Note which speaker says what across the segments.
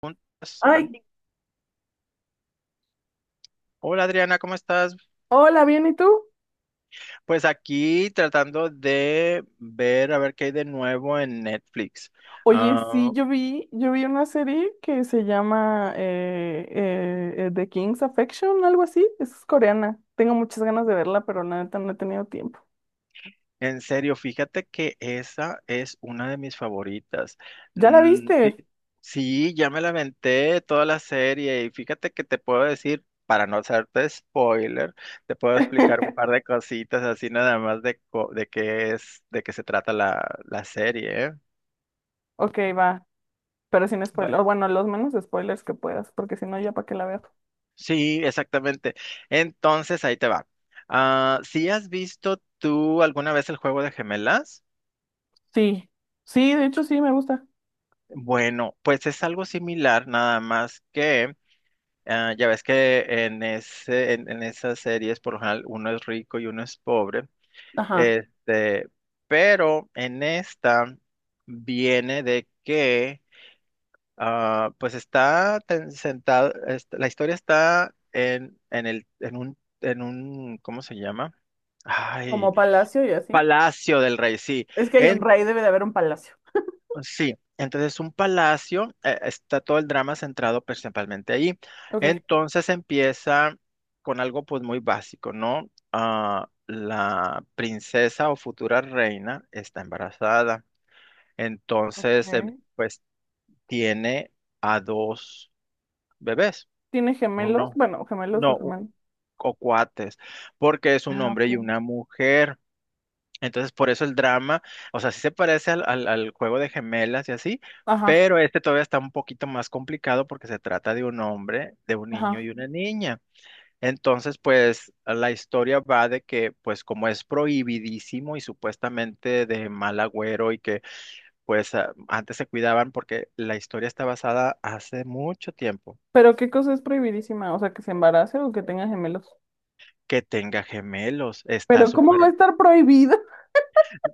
Speaker 1: Preguntas.
Speaker 2: Ay,
Speaker 1: Ándale. Hola Adriana, ¿cómo estás?
Speaker 2: hola, ¿bien y tú?
Speaker 1: Pues aquí tratando de ver a ver qué hay de nuevo en Netflix.
Speaker 2: Oye,
Speaker 1: Ah,
Speaker 2: sí, yo vi una serie que se llama The King's Affection, algo así. Es coreana. Tengo muchas ganas de verla, pero la neta no he tenido tiempo.
Speaker 1: en serio, fíjate que esa es una de mis favoritas.
Speaker 2: ¿Ya la
Speaker 1: Mm, sí,
Speaker 2: viste?
Speaker 1: sí, ya me la aventé toda la serie y fíjate que te puedo decir, para no hacerte spoiler, te puedo explicar un par de cositas así nada más de, de qué es, de qué se trata la serie, ¿eh?
Speaker 2: Ok, va, pero sin spoilers. Bueno, los menos spoilers que puedas, porque si no, ya para qué la veo.
Speaker 1: Sí, exactamente. Entonces, ahí te va. Ah, si has visto tú alguna vez el juego de gemelas,
Speaker 2: Sí, sí, de hecho sí, me gusta.
Speaker 1: bueno, pues es algo similar, nada más que ah, ya ves que en esas series, por lo general, uno es rico y uno es pobre.
Speaker 2: Ajá.
Speaker 1: Este, pero en esta viene de que Ah, pues está sentado, la historia está en un, ¿cómo se llama? Ay,
Speaker 2: Como palacio y así.
Speaker 1: Palacio del Rey, sí.
Speaker 2: Es que hay un
Speaker 1: En,
Speaker 2: rey, debe de haber un palacio.
Speaker 1: sí, entonces un palacio, está todo el drama centrado principalmente ahí.
Speaker 2: Ok.
Speaker 1: Entonces empieza con algo pues muy básico, ¿no? Ah, la princesa o futura reina está embarazada.
Speaker 2: Ok.
Speaker 1: Entonces, pues tiene a dos bebés.
Speaker 2: ¿Tiene gemelos?
Speaker 1: Uno,
Speaker 2: Bueno, gemelos
Speaker 1: no,
Speaker 2: o gemelos.
Speaker 1: o cuates, porque es un
Speaker 2: Ah,
Speaker 1: hombre
Speaker 2: ok.
Speaker 1: y una mujer. Entonces, por eso el drama, o sea, sí se parece al juego de gemelas y así,
Speaker 2: Ajá.
Speaker 1: pero este todavía está un poquito más complicado porque se trata de un hombre, de un niño
Speaker 2: Ajá.
Speaker 1: y una niña. Entonces, pues la historia va de que, pues como es prohibidísimo y supuestamente de mal agüero y que, pues antes se cuidaban porque la historia está basada hace mucho tiempo
Speaker 2: Pero qué cosa es prohibidísima, o sea, que se embarace o que tenga gemelos.
Speaker 1: que tenga gemelos. Está
Speaker 2: Pero ¿cómo va
Speaker 1: súper.
Speaker 2: a estar prohibido?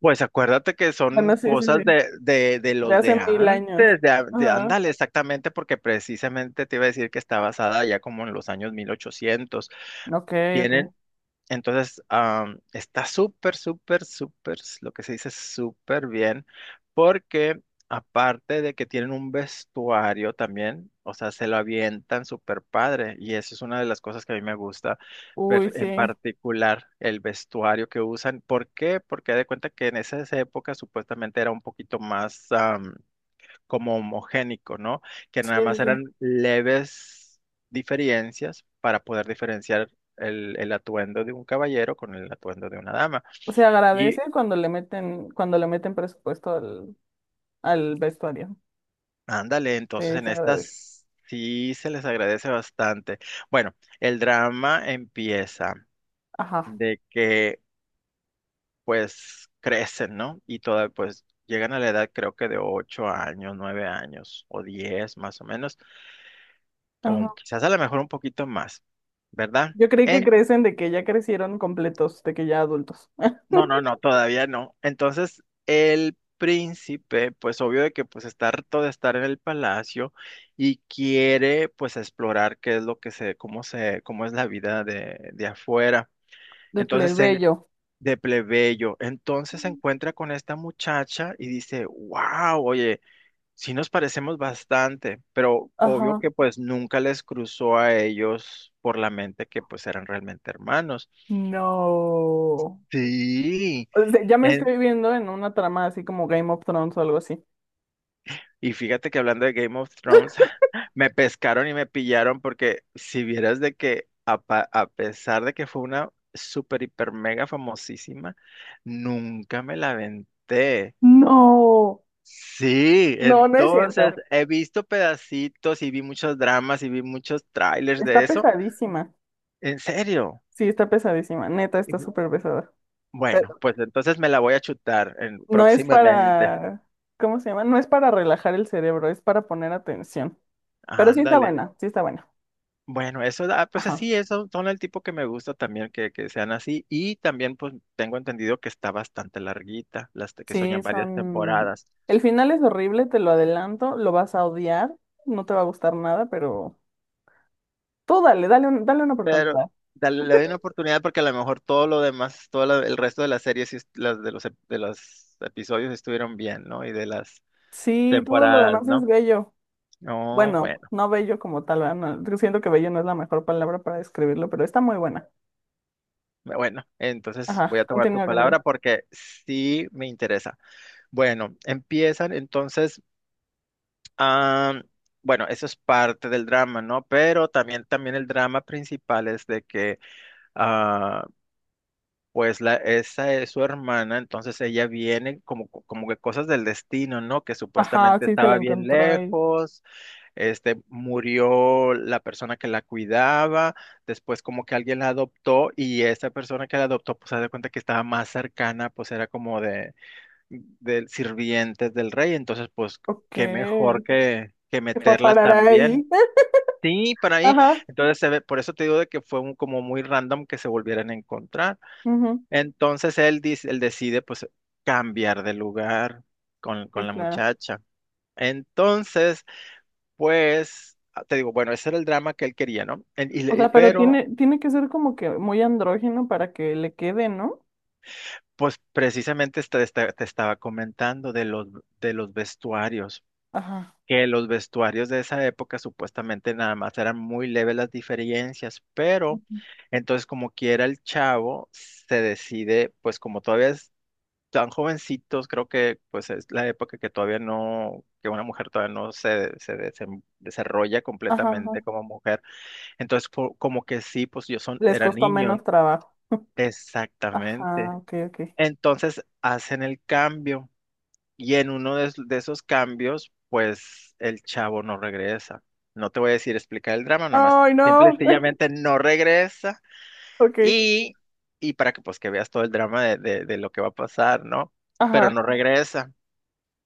Speaker 1: Pues acuérdate que son
Speaker 2: Bueno, sí, sí,
Speaker 1: cosas
Speaker 2: sí.
Speaker 1: de, de
Speaker 2: De
Speaker 1: los de
Speaker 2: hace 1000 años.
Speaker 1: antes,
Speaker 2: Ajá.
Speaker 1: ándale, exactamente, porque precisamente te iba a decir que está basada ya como en los años 1800
Speaker 2: Ok,
Speaker 1: tienen
Speaker 2: ok.
Speaker 1: entonces, está súper, súper, súper, lo que se dice súper bien, porque aparte de que tienen un vestuario también, o sea, se lo avientan súper padre, y eso es una de las cosas que a mí me gusta,
Speaker 2: Uy,
Speaker 1: en
Speaker 2: sí.
Speaker 1: particular el vestuario que usan. ¿Por qué? Porque haz de cuenta que en esas épocas supuestamente era un poquito más, como homogénico, ¿no? Que
Speaker 2: Sí,
Speaker 1: nada
Speaker 2: sí,
Speaker 1: más
Speaker 2: sí.
Speaker 1: eran leves diferencias para poder diferenciar el atuendo de un caballero con el atuendo de una dama.
Speaker 2: Se
Speaker 1: Y
Speaker 2: agradece cuando le meten presupuesto al, al vestuario.
Speaker 1: ándale, entonces
Speaker 2: Sí,
Speaker 1: en
Speaker 2: se agradece.
Speaker 1: estas sí se les agradece bastante. Bueno, el drama empieza
Speaker 2: Ajá.
Speaker 1: de que pues crecen, ¿no? Pues llegan a la edad creo que de 8 años, 9 años o 10 más o menos, o
Speaker 2: Ajá.
Speaker 1: quizás a lo mejor un poquito más, ¿verdad?
Speaker 2: Yo creí que crecen de que ya crecieron completos, de que ya adultos.
Speaker 1: No, no, no, todavía no. Entonces, el príncipe, pues obvio de que pues está harto de estar en el palacio y quiere pues explorar qué es lo que se, cómo es la vida de, afuera.
Speaker 2: De
Speaker 1: Entonces,
Speaker 2: plebeyo.
Speaker 1: de plebeyo. Entonces se encuentra con esta muchacha y dice, wow, oye, sí nos parecemos bastante, pero obvio
Speaker 2: Ajá.
Speaker 1: que pues nunca les cruzó a ellos por la mente que pues eran realmente hermanos.
Speaker 2: No.
Speaker 1: Sí.
Speaker 2: O sea, ya me estoy viendo en una trama así como Game of Thrones o algo así.
Speaker 1: Y fíjate que hablando de Game of Thrones, me pescaron y me pillaron porque si vieras de que a pesar de que fue una super hiper mega famosísima, nunca me la aventé.
Speaker 2: No,
Speaker 1: Sí,
Speaker 2: no, no es cierto.
Speaker 1: entonces he visto pedacitos y vi muchos dramas y vi muchos trailers
Speaker 2: Está
Speaker 1: de eso.
Speaker 2: pesadísima.
Speaker 1: ¿En serio?
Speaker 2: Sí, está pesadísima. Neta,
Speaker 1: Y
Speaker 2: está
Speaker 1: bu-
Speaker 2: súper pesada.
Speaker 1: Bueno,
Speaker 2: Pero
Speaker 1: pues entonces me la voy a chutar
Speaker 2: no es
Speaker 1: próximamente.
Speaker 2: para, ¿cómo se llama? No es para relajar el cerebro, es para poner atención. Pero sí está
Speaker 1: Ándale.
Speaker 2: buena, sí está buena.
Speaker 1: Bueno, pues
Speaker 2: Ajá.
Speaker 1: así, eso son el tipo que me gusta también que sean así. Y también, pues tengo entendido que está bastante larguita, que
Speaker 2: Sí,
Speaker 1: soñan varias
Speaker 2: son...
Speaker 1: temporadas.
Speaker 2: El final es horrible, te lo adelanto, lo vas a odiar, no te va a gustar nada, pero tú dale, dale una
Speaker 1: Pero
Speaker 2: oportunidad.
Speaker 1: le doy una oportunidad porque a lo mejor todo lo demás, el resto de las series, sí las de los, ep- de los episodios estuvieron bien, ¿no? Y de las
Speaker 2: Sí, todo lo
Speaker 1: temporadas,
Speaker 2: demás es
Speaker 1: ¿no?
Speaker 2: bello.
Speaker 1: No,
Speaker 2: Bueno,
Speaker 1: bueno,
Speaker 2: no bello como tal, ¿verdad? No, yo siento que bello no es la mejor palabra para describirlo, pero está muy buena.
Speaker 1: bueno, entonces
Speaker 2: Ajá,
Speaker 1: voy a tomar tu
Speaker 2: continúa. Continúa.
Speaker 1: palabra porque sí me interesa. Bueno, empiezan entonces. Ah, bueno, eso es parte del drama, ¿no? Pero también, el drama principal es de que, ah, pues esa es su hermana, entonces ella viene como que cosas del destino, ¿no? Que
Speaker 2: Ajá,
Speaker 1: supuestamente
Speaker 2: sí, se la
Speaker 1: estaba bien
Speaker 2: encontró ahí.
Speaker 1: lejos, murió la persona que la cuidaba, después como que alguien la adoptó y esa persona que la adoptó, pues se da cuenta que estaba más cercana, pues era como de del sirvientes del rey, entonces pues
Speaker 2: Ok,
Speaker 1: qué mejor
Speaker 2: que
Speaker 1: que,
Speaker 2: fue a
Speaker 1: meterla
Speaker 2: parar
Speaker 1: también.
Speaker 2: ahí.
Speaker 1: Sí, para ahí.
Speaker 2: Ajá,
Speaker 1: Entonces se ve, por eso te digo de que fue un, como muy random que se volvieran a encontrar.
Speaker 2: ujú.
Speaker 1: Entonces él, él decide pues cambiar de lugar con,
Speaker 2: Sí,
Speaker 1: con la
Speaker 2: claro.
Speaker 1: muchacha. Entonces, pues, te digo, bueno, ese era el drama que él quería, ¿no?
Speaker 2: O sea, pero bueno,
Speaker 1: Pero,
Speaker 2: tiene, tiene que ser como que muy andrógeno para que le quede, ¿no?
Speaker 1: pues precisamente te estaba comentando de los, vestuarios.
Speaker 2: Ajá,
Speaker 1: Que los vestuarios de esa época supuestamente nada más eran muy leves las diferencias, pero entonces como quiera el chavo se decide, pues como todavía es tan jovencitos, creo que pues es la época que todavía no, que una mujer todavía no se desarrolla
Speaker 2: ajá, ajá.
Speaker 1: completamente como mujer, entonces como que sí, pues
Speaker 2: Les
Speaker 1: eran
Speaker 2: costó
Speaker 1: niños,
Speaker 2: menos trabajo.
Speaker 1: exactamente.
Speaker 2: Ajá, ok, ok.
Speaker 1: Entonces hacen el cambio. Y en uno de esos cambios, pues el chavo no regresa. No te voy a decir explicar el drama, nada más.
Speaker 2: Ay,
Speaker 1: Simple y
Speaker 2: no.
Speaker 1: sencillamente no regresa.
Speaker 2: Ok,
Speaker 1: Y, y para que pues que veas todo el drama de lo que va a pasar, ¿no? Pero no
Speaker 2: ajá.
Speaker 1: regresa.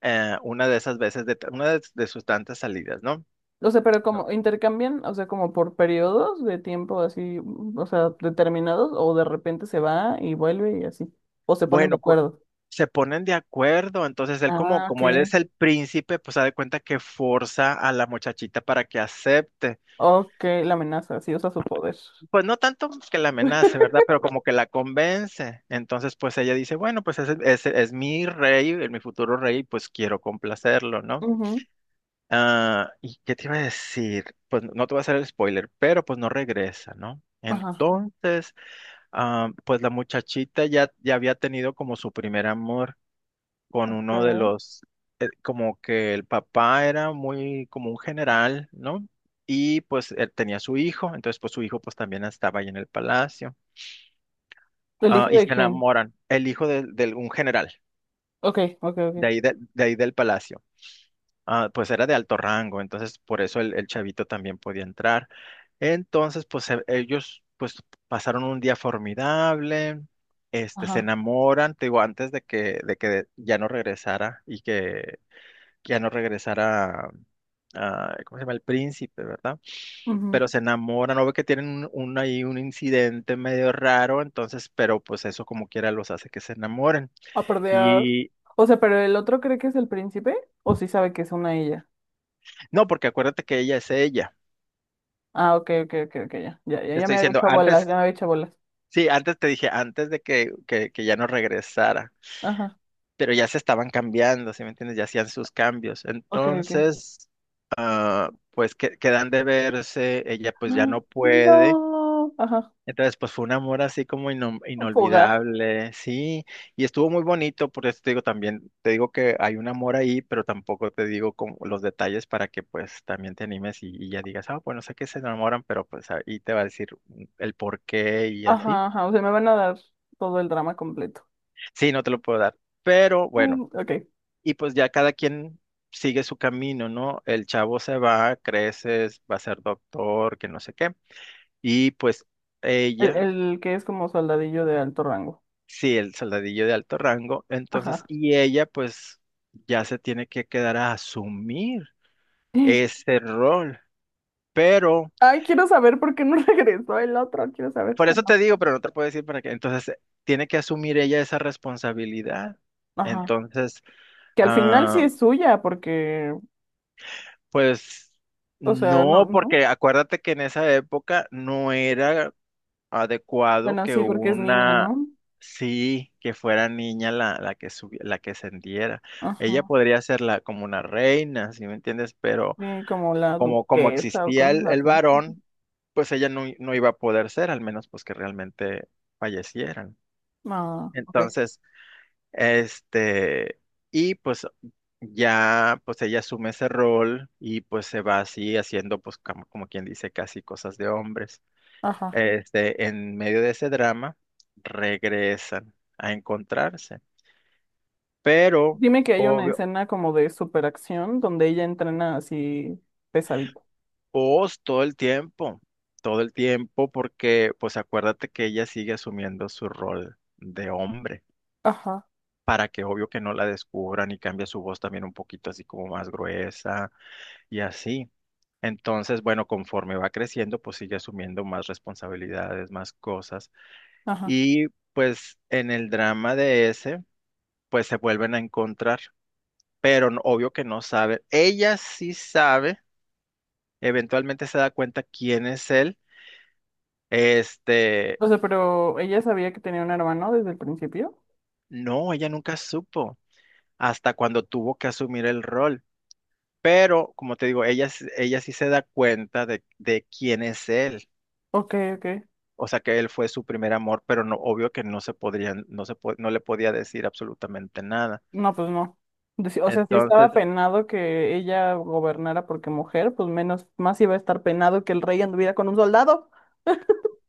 Speaker 1: Una de esas veces, una de sus tantas salidas, ¿no?
Speaker 2: O sea, pero
Speaker 1: No.
Speaker 2: como intercambian, o sea, como por periodos de tiempo así, o sea, determinados, o de repente se va y vuelve y así, o se ponen de
Speaker 1: Bueno, pues
Speaker 2: acuerdo.
Speaker 1: se ponen de acuerdo. Entonces él como,
Speaker 2: Ah, ok.
Speaker 1: como él es el príncipe, pues se da cuenta que forza a la muchachita para que acepte.
Speaker 2: Ok, la amenaza, sí usa su poder.
Speaker 1: Pues no tanto que la amenace, ¿verdad? Pero
Speaker 2: Amenaza.
Speaker 1: como que la convence. Entonces, pues ella dice, bueno, pues ese es mi rey, es mi futuro rey, pues quiero complacerlo, ¿no?
Speaker 2: Ujú.
Speaker 1: Ah, ¿y qué te iba a decir? Pues no te voy a hacer el spoiler, pero pues no regresa, ¿no?
Speaker 2: Ajá,
Speaker 1: Entonces, pues la muchachita ya había tenido como su primer amor con
Speaker 2: ok.
Speaker 1: uno de los, como que el papá era muy como un general, ¿no? Y pues él tenía su hijo, entonces pues su hijo pues también estaba ahí en el palacio.
Speaker 2: ¿El
Speaker 1: Ah,
Speaker 2: hijo
Speaker 1: y
Speaker 2: de sí,
Speaker 1: se
Speaker 2: quién?
Speaker 1: enamoran. El hijo de un general,
Speaker 2: Ok, ok,
Speaker 1: de
Speaker 2: ok.
Speaker 1: ahí, de, ahí del palacio, pues era de alto rango, entonces por eso el chavito también podía entrar. Entonces, pues ellos pues pasaron un día formidable, se
Speaker 2: Ajá.
Speaker 1: enamoran, te digo, antes de que, ya no regresara y que ya no regresara, ¿cómo se llama? El príncipe, ¿verdad? Pero
Speaker 2: Ujú.
Speaker 1: se enamoran, o ve que tienen un, ahí un incidente medio raro, entonces, pero pues eso como quiera los hace que se enamoren.
Speaker 2: Ah, por Dios.
Speaker 1: Y
Speaker 2: O sea, pero el otro cree que es el príncipe, o sí sabe que es una ella.
Speaker 1: no, porque acuérdate que ella es ella.
Speaker 2: Ah, ok, ok, ok, ok, ya. Ya, ya,
Speaker 1: Te
Speaker 2: ya
Speaker 1: estoy
Speaker 2: me había
Speaker 1: diciendo,
Speaker 2: hecho bolas, ya me
Speaker 1: antes,
Speaker 2: había hecho bolas.
Speaker 1: sí, antes te dije, antes de que, ya no regresara,
Speaker 2: Ajá,
Speaker 1: pero ya se estaban cambiando, ¿sí me entiendes? Ya hacían sus cambios.
Speaker 2: ok, ok.
Speaker 1: Entonces, pues quedan de verse, ella pues ya
Speaker 2: Ah.
Speaker 1: no puede.
Speaker 2: No. Ajá.
Speaker 1: Entonces, pues fue un amor así como
Speaker 2: Fugar.
Speaker 1: inolvidable, sí, y estuvo muy bonito, por eso te digo también, te digo que hay un amor ahí, pero tampoco te digo como los detalles para que pues también te animes y ya digas, bueno, sé que se enamoran, pero pues ahí te va a decir el por qué y así.
Speaker 2: Ajá, ajá. O sea, me van a dar todo el drama completo.
Speaker 1: Sí, no te lo puedo dar, pero
Speaker 2: Mm,
Speaker 1: bueno,
Speaker 2: ok.
Speaker 1: y pues ya cada quien sigue su camino, ¿no? El chavo se va, creces, va a ser doctor, que no sé qué, y pues ella.
Speaker 2: El que es como soldadillo de alto rango.
Speaker 1: Sí, el soldadillo de alto rango. Entonces,
Speaker 2: Ajá.
Speaker 1: y ella pues ya se tiene que quedar a asumir ese rol. Pero,
Speaker 2: Ay, quiero saber por qué no regresó el otro. Quiero saber.
Speaker 1: por
Speaker 2: Ah,
Speaker 1: eso
Speaker 2: no.
Speaker 1: te digo, pero no te puedo decir para qué. Entonces, tiene que asumir ella esa responsabilidad.
Speaker 2: Ajá.
Speaker 1: Entonces,
Speaker 2: Que al final sí
Speaker 1: ah,
Speaker 2: es suya, porque,
Speaker 1: pues
Speaker 2: o sea, no,
Speaker 1: no,
Speaker 2: no.
Speaker 1: porque acuérdate que en esa época no era adecuado
Speaker 2: Bueno,
Speaker 1: que
Speaker 2: sí, porque es niña,
Speaker 1: una,
Speaker 2: ¿no?
Speaker 1: sí, que fuera niña la que la que ascendiera. Ella
Speaker 2: Ajá.
Speaker 1: podría ser como una reina, ¿sí me entiendes? Pero
Speaker 2: Sí, como la
Speaker 1: como
Speaker 2: duquesa o
Speaker 1: existía
Speaker 2: cosas
Speaker 1: el
Speaker 2: así.
Speaker 1: varón, pues ella no iba a poder ser, al menos pues que realmente fallecieran.
Speaker 2: Ah, ok.
Speaker 1: Entonces, este, y pues ya, pues ella asume ese rol y pues se va así haciendo pues como quien dice casi cosas de hombres.
Speaker 2: Ajá.
Speaker 1: En medio de ese drama, regresan a encontrarse. Pero,
Speaker 2: Dime que hay una
Speaker 1: obvio,
Speaker 2: escena como de superacción donde ella entrena así pesadito.
Speaker 1: Oz todo el tiempo, porque, pues acuérdate que ella sigue asumiendo su rol de hombre,
Speaker 2: Ajá,
Speaker 1: para que obvio que no la descubran y cambia su voz también un poquito así como más gruesa y así. Entonces, bueno, conforme va creciendo, pues sigue asumiendo más responsabilidades, más cosas.
Speaker 2: ajá.
Speaker 1: Y pues en el drama de ese, pues se vuelven a encontrar pero obvio que no sabe. Ella sí sabe, eventualmente se da cuenta quién es él. Este,
Speaker 2: O sea, pero ella sabía que tenía un hermano desde el principio.
Speaker 1: no, ella nunca supo hasta cuando tuvo que asumir el rol. Pero, como te digo, ella, ella sí se da cuenta de quién es él.
Speaker 2: Ok, ok.
Speaker 1: O sea, que él fue su primer amor, pero no, obvio que no se podrían, no le podía decir absolutamente nada.
Speaker 2: No, pues no. Deci- O sea, si
Speaker 1: Entonces,
Speaker 2: estaba penado que ella gobernara porque mujer, pues menos, más iba a estar penado que el rey anduviera con un soldado.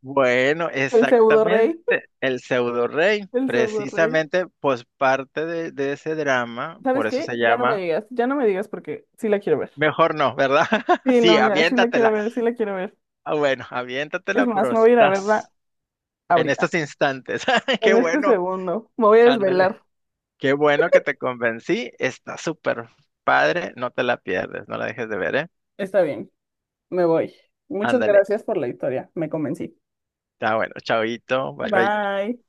Speaker 1: bueno,
Speaker 2: El pseudo rey.
Speaker 1: exactamente, el pseudo rey,
Speaker 2: El pseudo rey.
Speaker 1: precisamente, pues parte de ese drama,
Speaker 2: ¿Sabes
Speaker 1: por eso
Speaker 2: qué?
Speaker 1: se
Speaker 2: Ya no me
Speaker 1: llama,
Speaker 2: digas, ya no me digas porque sí la quiero ver.
Speaker 1: mejor no, ¿verdad?
Speaker 2: Sí,
Speaker 1: Sí,
Speaker 2: no, ya, sí la quiero
Speaker 1: aviéntatela.
Speaker 2: ver, sí la quiero ver.
Speaker 1: Ah, bueno,
Speaker 2: Es
Speaker 1: aviéntatela,
Speaker 2: más,
Speaker 1: pero
Speaker 2: me voy a ir a verla
Speaker 1: estás en
Speaker 2: ahorita.
Speaker 1: estos instantes. Qué
Speaker 2: En este
Speaker 1: bueno,
Speaker 2: segundo, me voy a
Speaker 1: ándale,
Speaker 2: desvelar.
Speaker 1: qué bueno que te convencí, está súper padre, no te la pierdes, no la dejes de ver, ¿eh?
Speaker 2: Está bien, me voy. Muchas
Speaker 1: Ándale,
Speaker 2: gracias por la historia, me convencí.
Speaker 1: está bueno, chaoito, bye bye.
Speaker 2: Bye.